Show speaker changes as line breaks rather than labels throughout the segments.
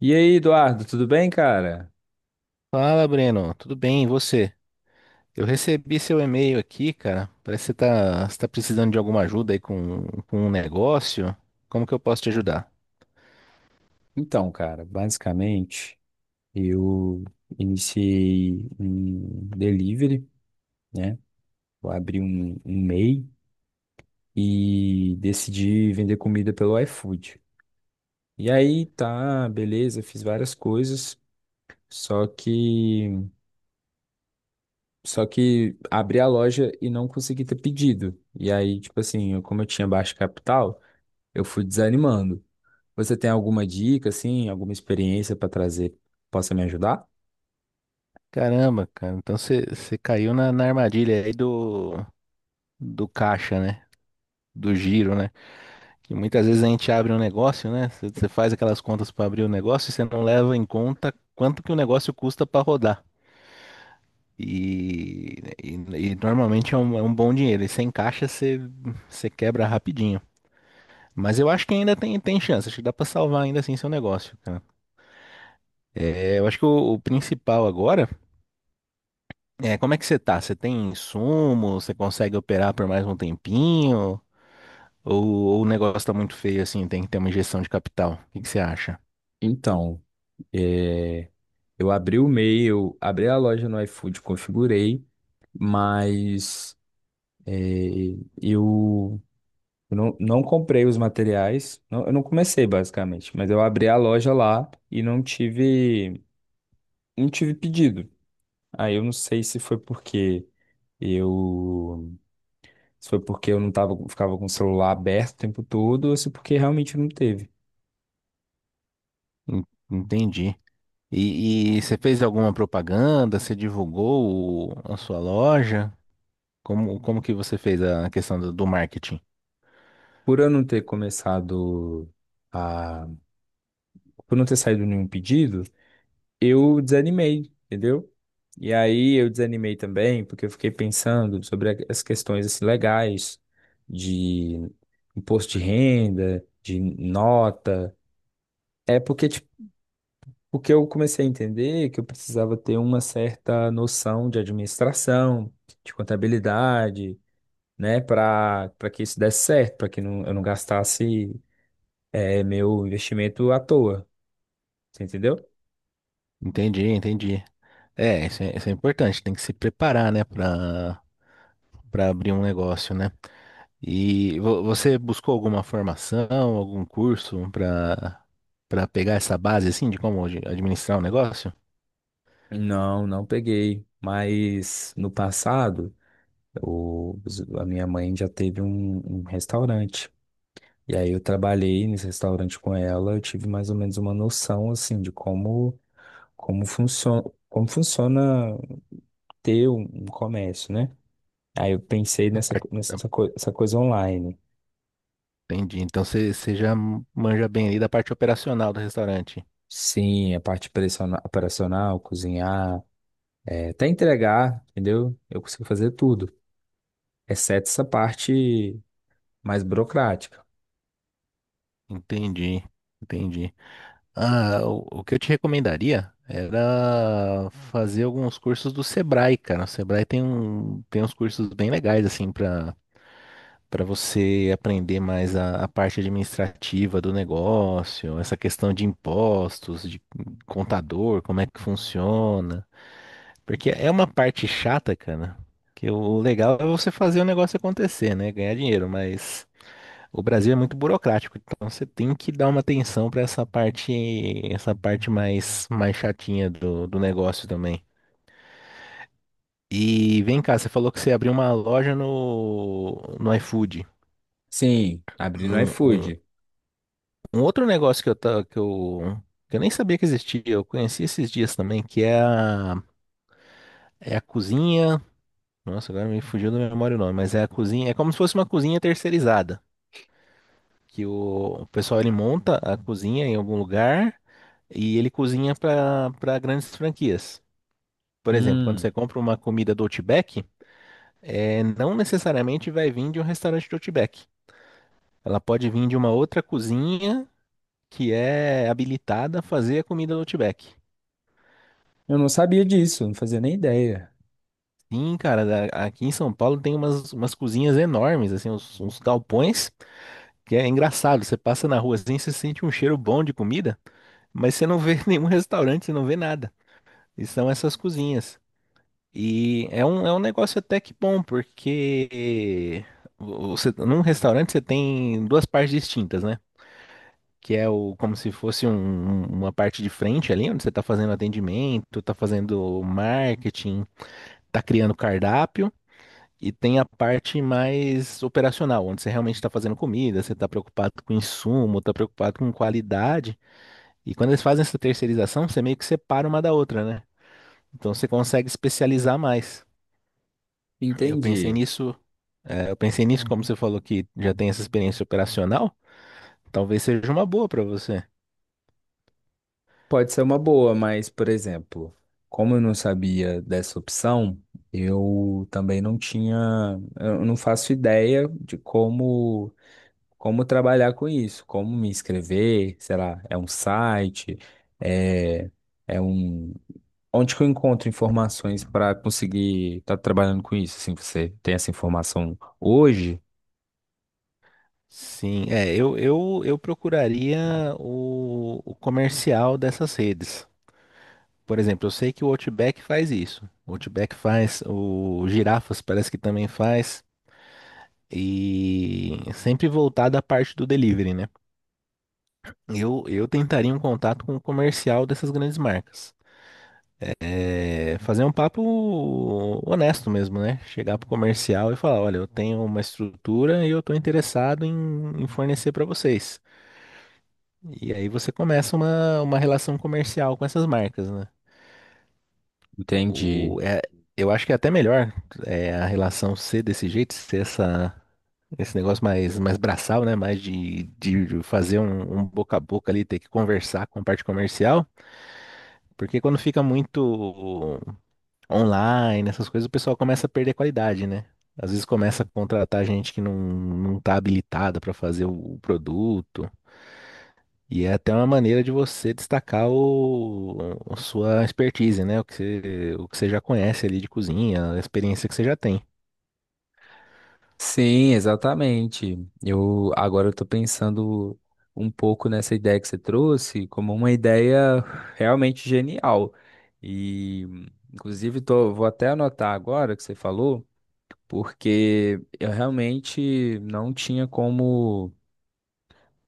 E aí, Eduardo, tudo bem, cara?
Fala, Breno. Tudo bem, e você? Eu recebi seu e-mail aqui, cara. Parece que você tá precisando de alguma ajuda aí com um negócio. Como que eu posso te ajudar?
Então, cara, basicamente eu iniciei um delivery, né? Eu abri um MEI e decidi vender comida pelo iFood. E aí, tá, beleza, fiz várias coisas, só que só que abri a loja e não consegui ter pedido. E aí, tipo assim, como eu tinha baixo capital, eu fui desanimando. Você tem alguma dica, assim, alguma experiência para trazer que possa me ajudar?
Caramba, cara. Então você caiu na armadilha aí do caixa, né? Do giro, né? Que muitas vezes a gente abre um negócio, né? Você faz aquelas contas para abrir o negócio e você não leva em conta quanto que o negócio custa para rodar. E, e, e normalmente é um bom dinheiro. E sem caixa você quebra rapidinho. Mas eu acho que ainda tem chance, acho que dá pra salvar ainda assim seu negócio, cara. É, eu acho que o principal agora é como é que você tá? Você tem insumo? Você consegue operar por mais um tempinho? Ou, ou o negócio tá muito feio assim, tem que ter uma injeção de capital? O que que você acha?
Então, é, eu abri o e-mail, abri a loja no iFood, configurei, mas é, eu não comprei os materiais, eu não comecei basicamente, mas eu abri a loja lá e não tive pedido. Aí eu não sei se foi porque eu, se foi porque eu não tava, ficava com o celular aberto o tempo todo ou se porque realmente não teve.
En- Entendi. E você fez alguma propaganda? Você divulgou a sua loja? Como que você fez a questão do marketing?
Por eu não ter começado a, por não ter saído nenhum pedido, eu desanimei, entendeu? E aí eu desanimei também, porque eu fiquei pensando sobre as questões assim, legais de imposto de renda, de nota. É porque, tipo, porque eu comecei a entender que eu precisava ter uma certa noção de administração, de contabilidade, né, para que isso desse certo, para que não, eu não gastasse meu investimento à toa, você entendeu?
Entendi, entendi. É, isso é importante, tem que se preparar, né, pra para abrir um negócio, né? E você buscou alguma formação, algum curso para pegar essa base assim de como de administrar um negócio?
Não, não peguei. Mas no passado O, a minha mãe já teve um restaurante. E aí eu trabalhei nesse restaurante com ela, eu tive mais ou menos uma noção assim de como funciona, como funciona ter um comércio, né? Aí eu pensei
A
nessa co-
parte-
nessa coi- essa coisa online.
Entendi. Então você já manja bem ali da parte operacional do restaurante.
Sim, a parte operacional, cozinhar, até entregar, entendeu? Eu consigo fazer tudo, exceto essa parte mais burocrática.
Entendi. Entendi. Ah, o que eu te recomendaria era fazer alguns cursos do Sebrae, cara. O Sebrae tem um tem uns cursos bem legais assim para você aprender mais a parte administrativa do negócio, essa questão de impostos, de contador, como é que funciona. Porque é uma parte chata, cara, que o legal é você fazer o negócio acontecer, né? Ganhar dinheiro, mas o Brasil é muito burocrático, então você tem que dar uma atenção para essa parte, essa parte mais chatinha do negócio também. E vem cá, você falou que você abriu uma loja no iFood.
Sim, abri no
um, um
iFood.
Um outro negócio que eu, ta- que eu nem sabia que existia, eu conheci esses dias também, que é é a cozinha. Nossa, agora me fugiu da memória o nome, mas é a cozinha. É como se fosse uma cozinha terceirizada. Que o pessoal ele monta a cozinha em algum lugar e ele cozinha para grandes franquias. Por exemplo, quando você
Hum.
compra uma comida do Outback, é, não necessariamente vai vir de um restaurante do Outback. Ela pode vir de uma outra cozinha que é habilitada a fazer a comida do Outback.
Eu não sabia disso, não fazia nem ideia.
Sim, cara, aqui em São Paulo tem umas cozinhas enormes, assim, uns galpões, que é engraçado. Você passa na rua assim, você sente um cheiro bom de comida, mas você não vê nenhum restaurante, você não vê nada. E são essas cozinhas. E é um negócio até que bom, porque você, num restaurante você tem duas partes distintas, né? Que é o, como se fosse uma parte de frente ali, onde você está fazendo atendimento, está fazendo marketing, está criando cardápio. E tem a parte mais operacional, onde você realmente está fazendo comida, você está preocupado com insumo, está preocupado com qualidade. E quando eles fazem essa terceirização, você meio que separa uma da outra, né? Então você consegue especializar mais. Eu pensei
Entendi.
nisso, eu pensei nisso, como você falou que já tem essa experiência operacional, talvez seja uma boa para você.
Pode ser uma boa, mas, por exemplo, como eu não sabia dessa opção, eu também não tinha, eu não faço ideia de como trabalhar com isso, como me inscrever, sei lá, é um site, é, é um, onde que eu encontro informações para conseguir estar trabalhando com isso? Assim, você tem essa informação hoje?
Sim, é, eu procuraria o comercial dessas redes. Por exemplo, eu sei que o Outback faz isso. O Outback faz, o Girafas parece que também faz. E sempre voltado à parte do delivery, né? Eu tentaria um contato com o comercial dessas grandes marcas. É, fazer um papo honesto mesmo, né? Chegar pro comercial e falar, olha, eu tenho uma estrutura e eu tô interessado em fornecer para vocês. E aí você começa uma relação comercial com essas marcas, né? O,
Entendi.
é, eu acho que é até melhor é, a relação ser desse jeito, esse negócio mais braçal, né? Mais de fazer um boca a boca ali, ter que conversar com a parte comercial. Porque quando fica muito online, essas coisas, o pessoal começa a perder qualidade, né? Às vezes começa a contratar gente que não tá habilitada para fazer o produto. E é até uma maneira de você destacar a sua expertise, né? O que você já conhece ali de cozinha, a experiência que você já tem.
Sim, exatamente. Eu agora eu tô pensando um pouco nessa ideia que você trouxe como uma ideia realmente genial. E inclusive tô, vou até anotar agora que você falou, porque eu realmente não tinha como,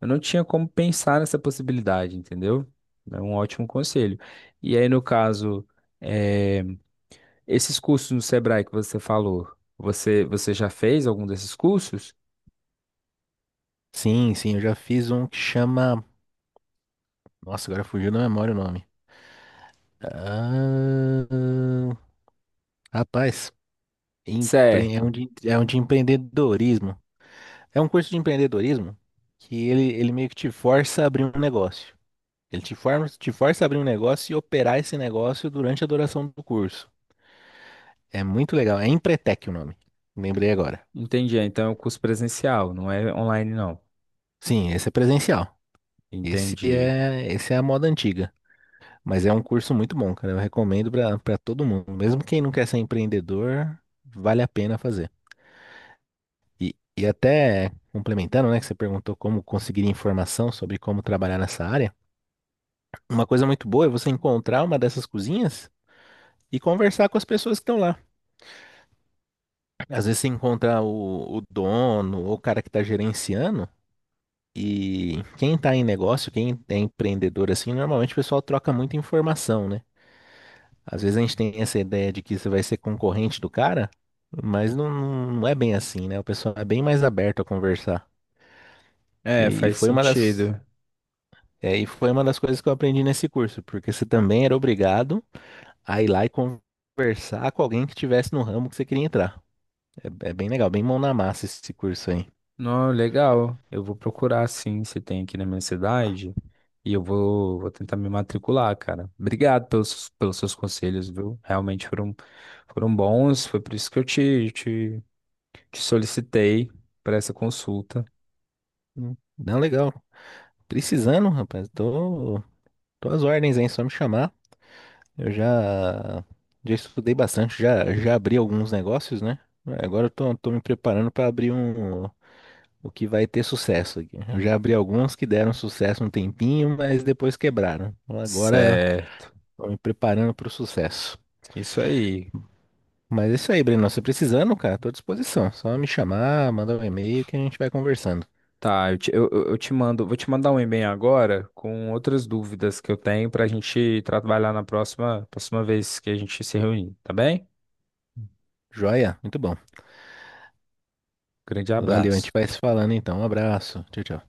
eu não tinha como pensar nessa possibilidade, entendeu? É um ótimo conselho. E aí, no caso, eh, esses cursos no Sebrae que você falou, você já fez algum desses cursos?
Sim, sim, eu já fiz um que chama. Nossa, agora fugiu da memória o nome. Ah, rapaz,
Certo.
é um de empreendedorismo. É um curso de empreendedorismo que ele meio que te força a abrir um negócio. Ele te forma, te força a abrir um negócio e operar esse negócio durante a duração do curso. É muito legal. É Empretec o nome. Lembrei agora.
Entendi. Então é um curso presencial, não é online, não.
Sim, esse é presencial.
Entendi.
Esse é a moda antiga. Mas é um curso muito bom, cara. Eu recomendo pra para todo mundo. Mesmo quem não quer ser empreendedor, vale a pena fazer. E até complementando, né, que você perguntou como conseguir informação sobre como trabalhar nessa área. Uma coisa muito boa é você encontrar uma dessas cozinhas e conversar com as pessoas que estão lá. Às vezes você encontra o dono ou o cara que está gerenciando. E quem está em negócio, quem é empreendedor assim, normalmente o pessoal troca muita informação, né? Às vezes a gente tem essa ideia de que você vai ser concorrente do cara, mas não, não não é bem assim, né? O pessoal é bem mais aberto a conversar.
É,
E
faz
foi uma das,
sentido.
é, e foi uma das coisas que eu aprendi nesse curso, porque você também era obrigado a ir lá e conversar com alguém que estivesse no ramo que você queria entrar. É, é bem legal, bem mão na massa esse curso aí.
Não, legal. Eu vou procurar, sim, se tem aqui na minha cidade. E eu vou tentar me matricular, cara. Obrigado pelos seus conselhos, viu? Realmente foram, foram bons. Foi por isso que eu te solicitei para essa consulta.
Hum. Não, legal. Precisando, rapaz, tô às ordens, hein? Só me chamar. Eu já, já estudei bastante, já abri alguns negócios, né? Agora eu tô me preparando para abrir um, o que vai ter sucesso aqui. Eu já abri alguns que deram sucesso um tempinho, mas depois quebraram. Então agora
Certo.
tô me preparando para o sucesso.
Isso aí.
Mas é isso aí, Breno. Você precisando, cara, tô à disposição. Só me chamar, mandar um e-mail que a gente vai conversando.
Tá, eu te mando, vou te mandar um e-mail agora com outras dúvidas que eu tenho para a gente trabalhar na próxima vez que a gente se reunir, tá bem?
Joia? Muito bom.
Grande
Valeu, a gente
abraço.
vai se falando então. Um abraço. Tchau, tchau.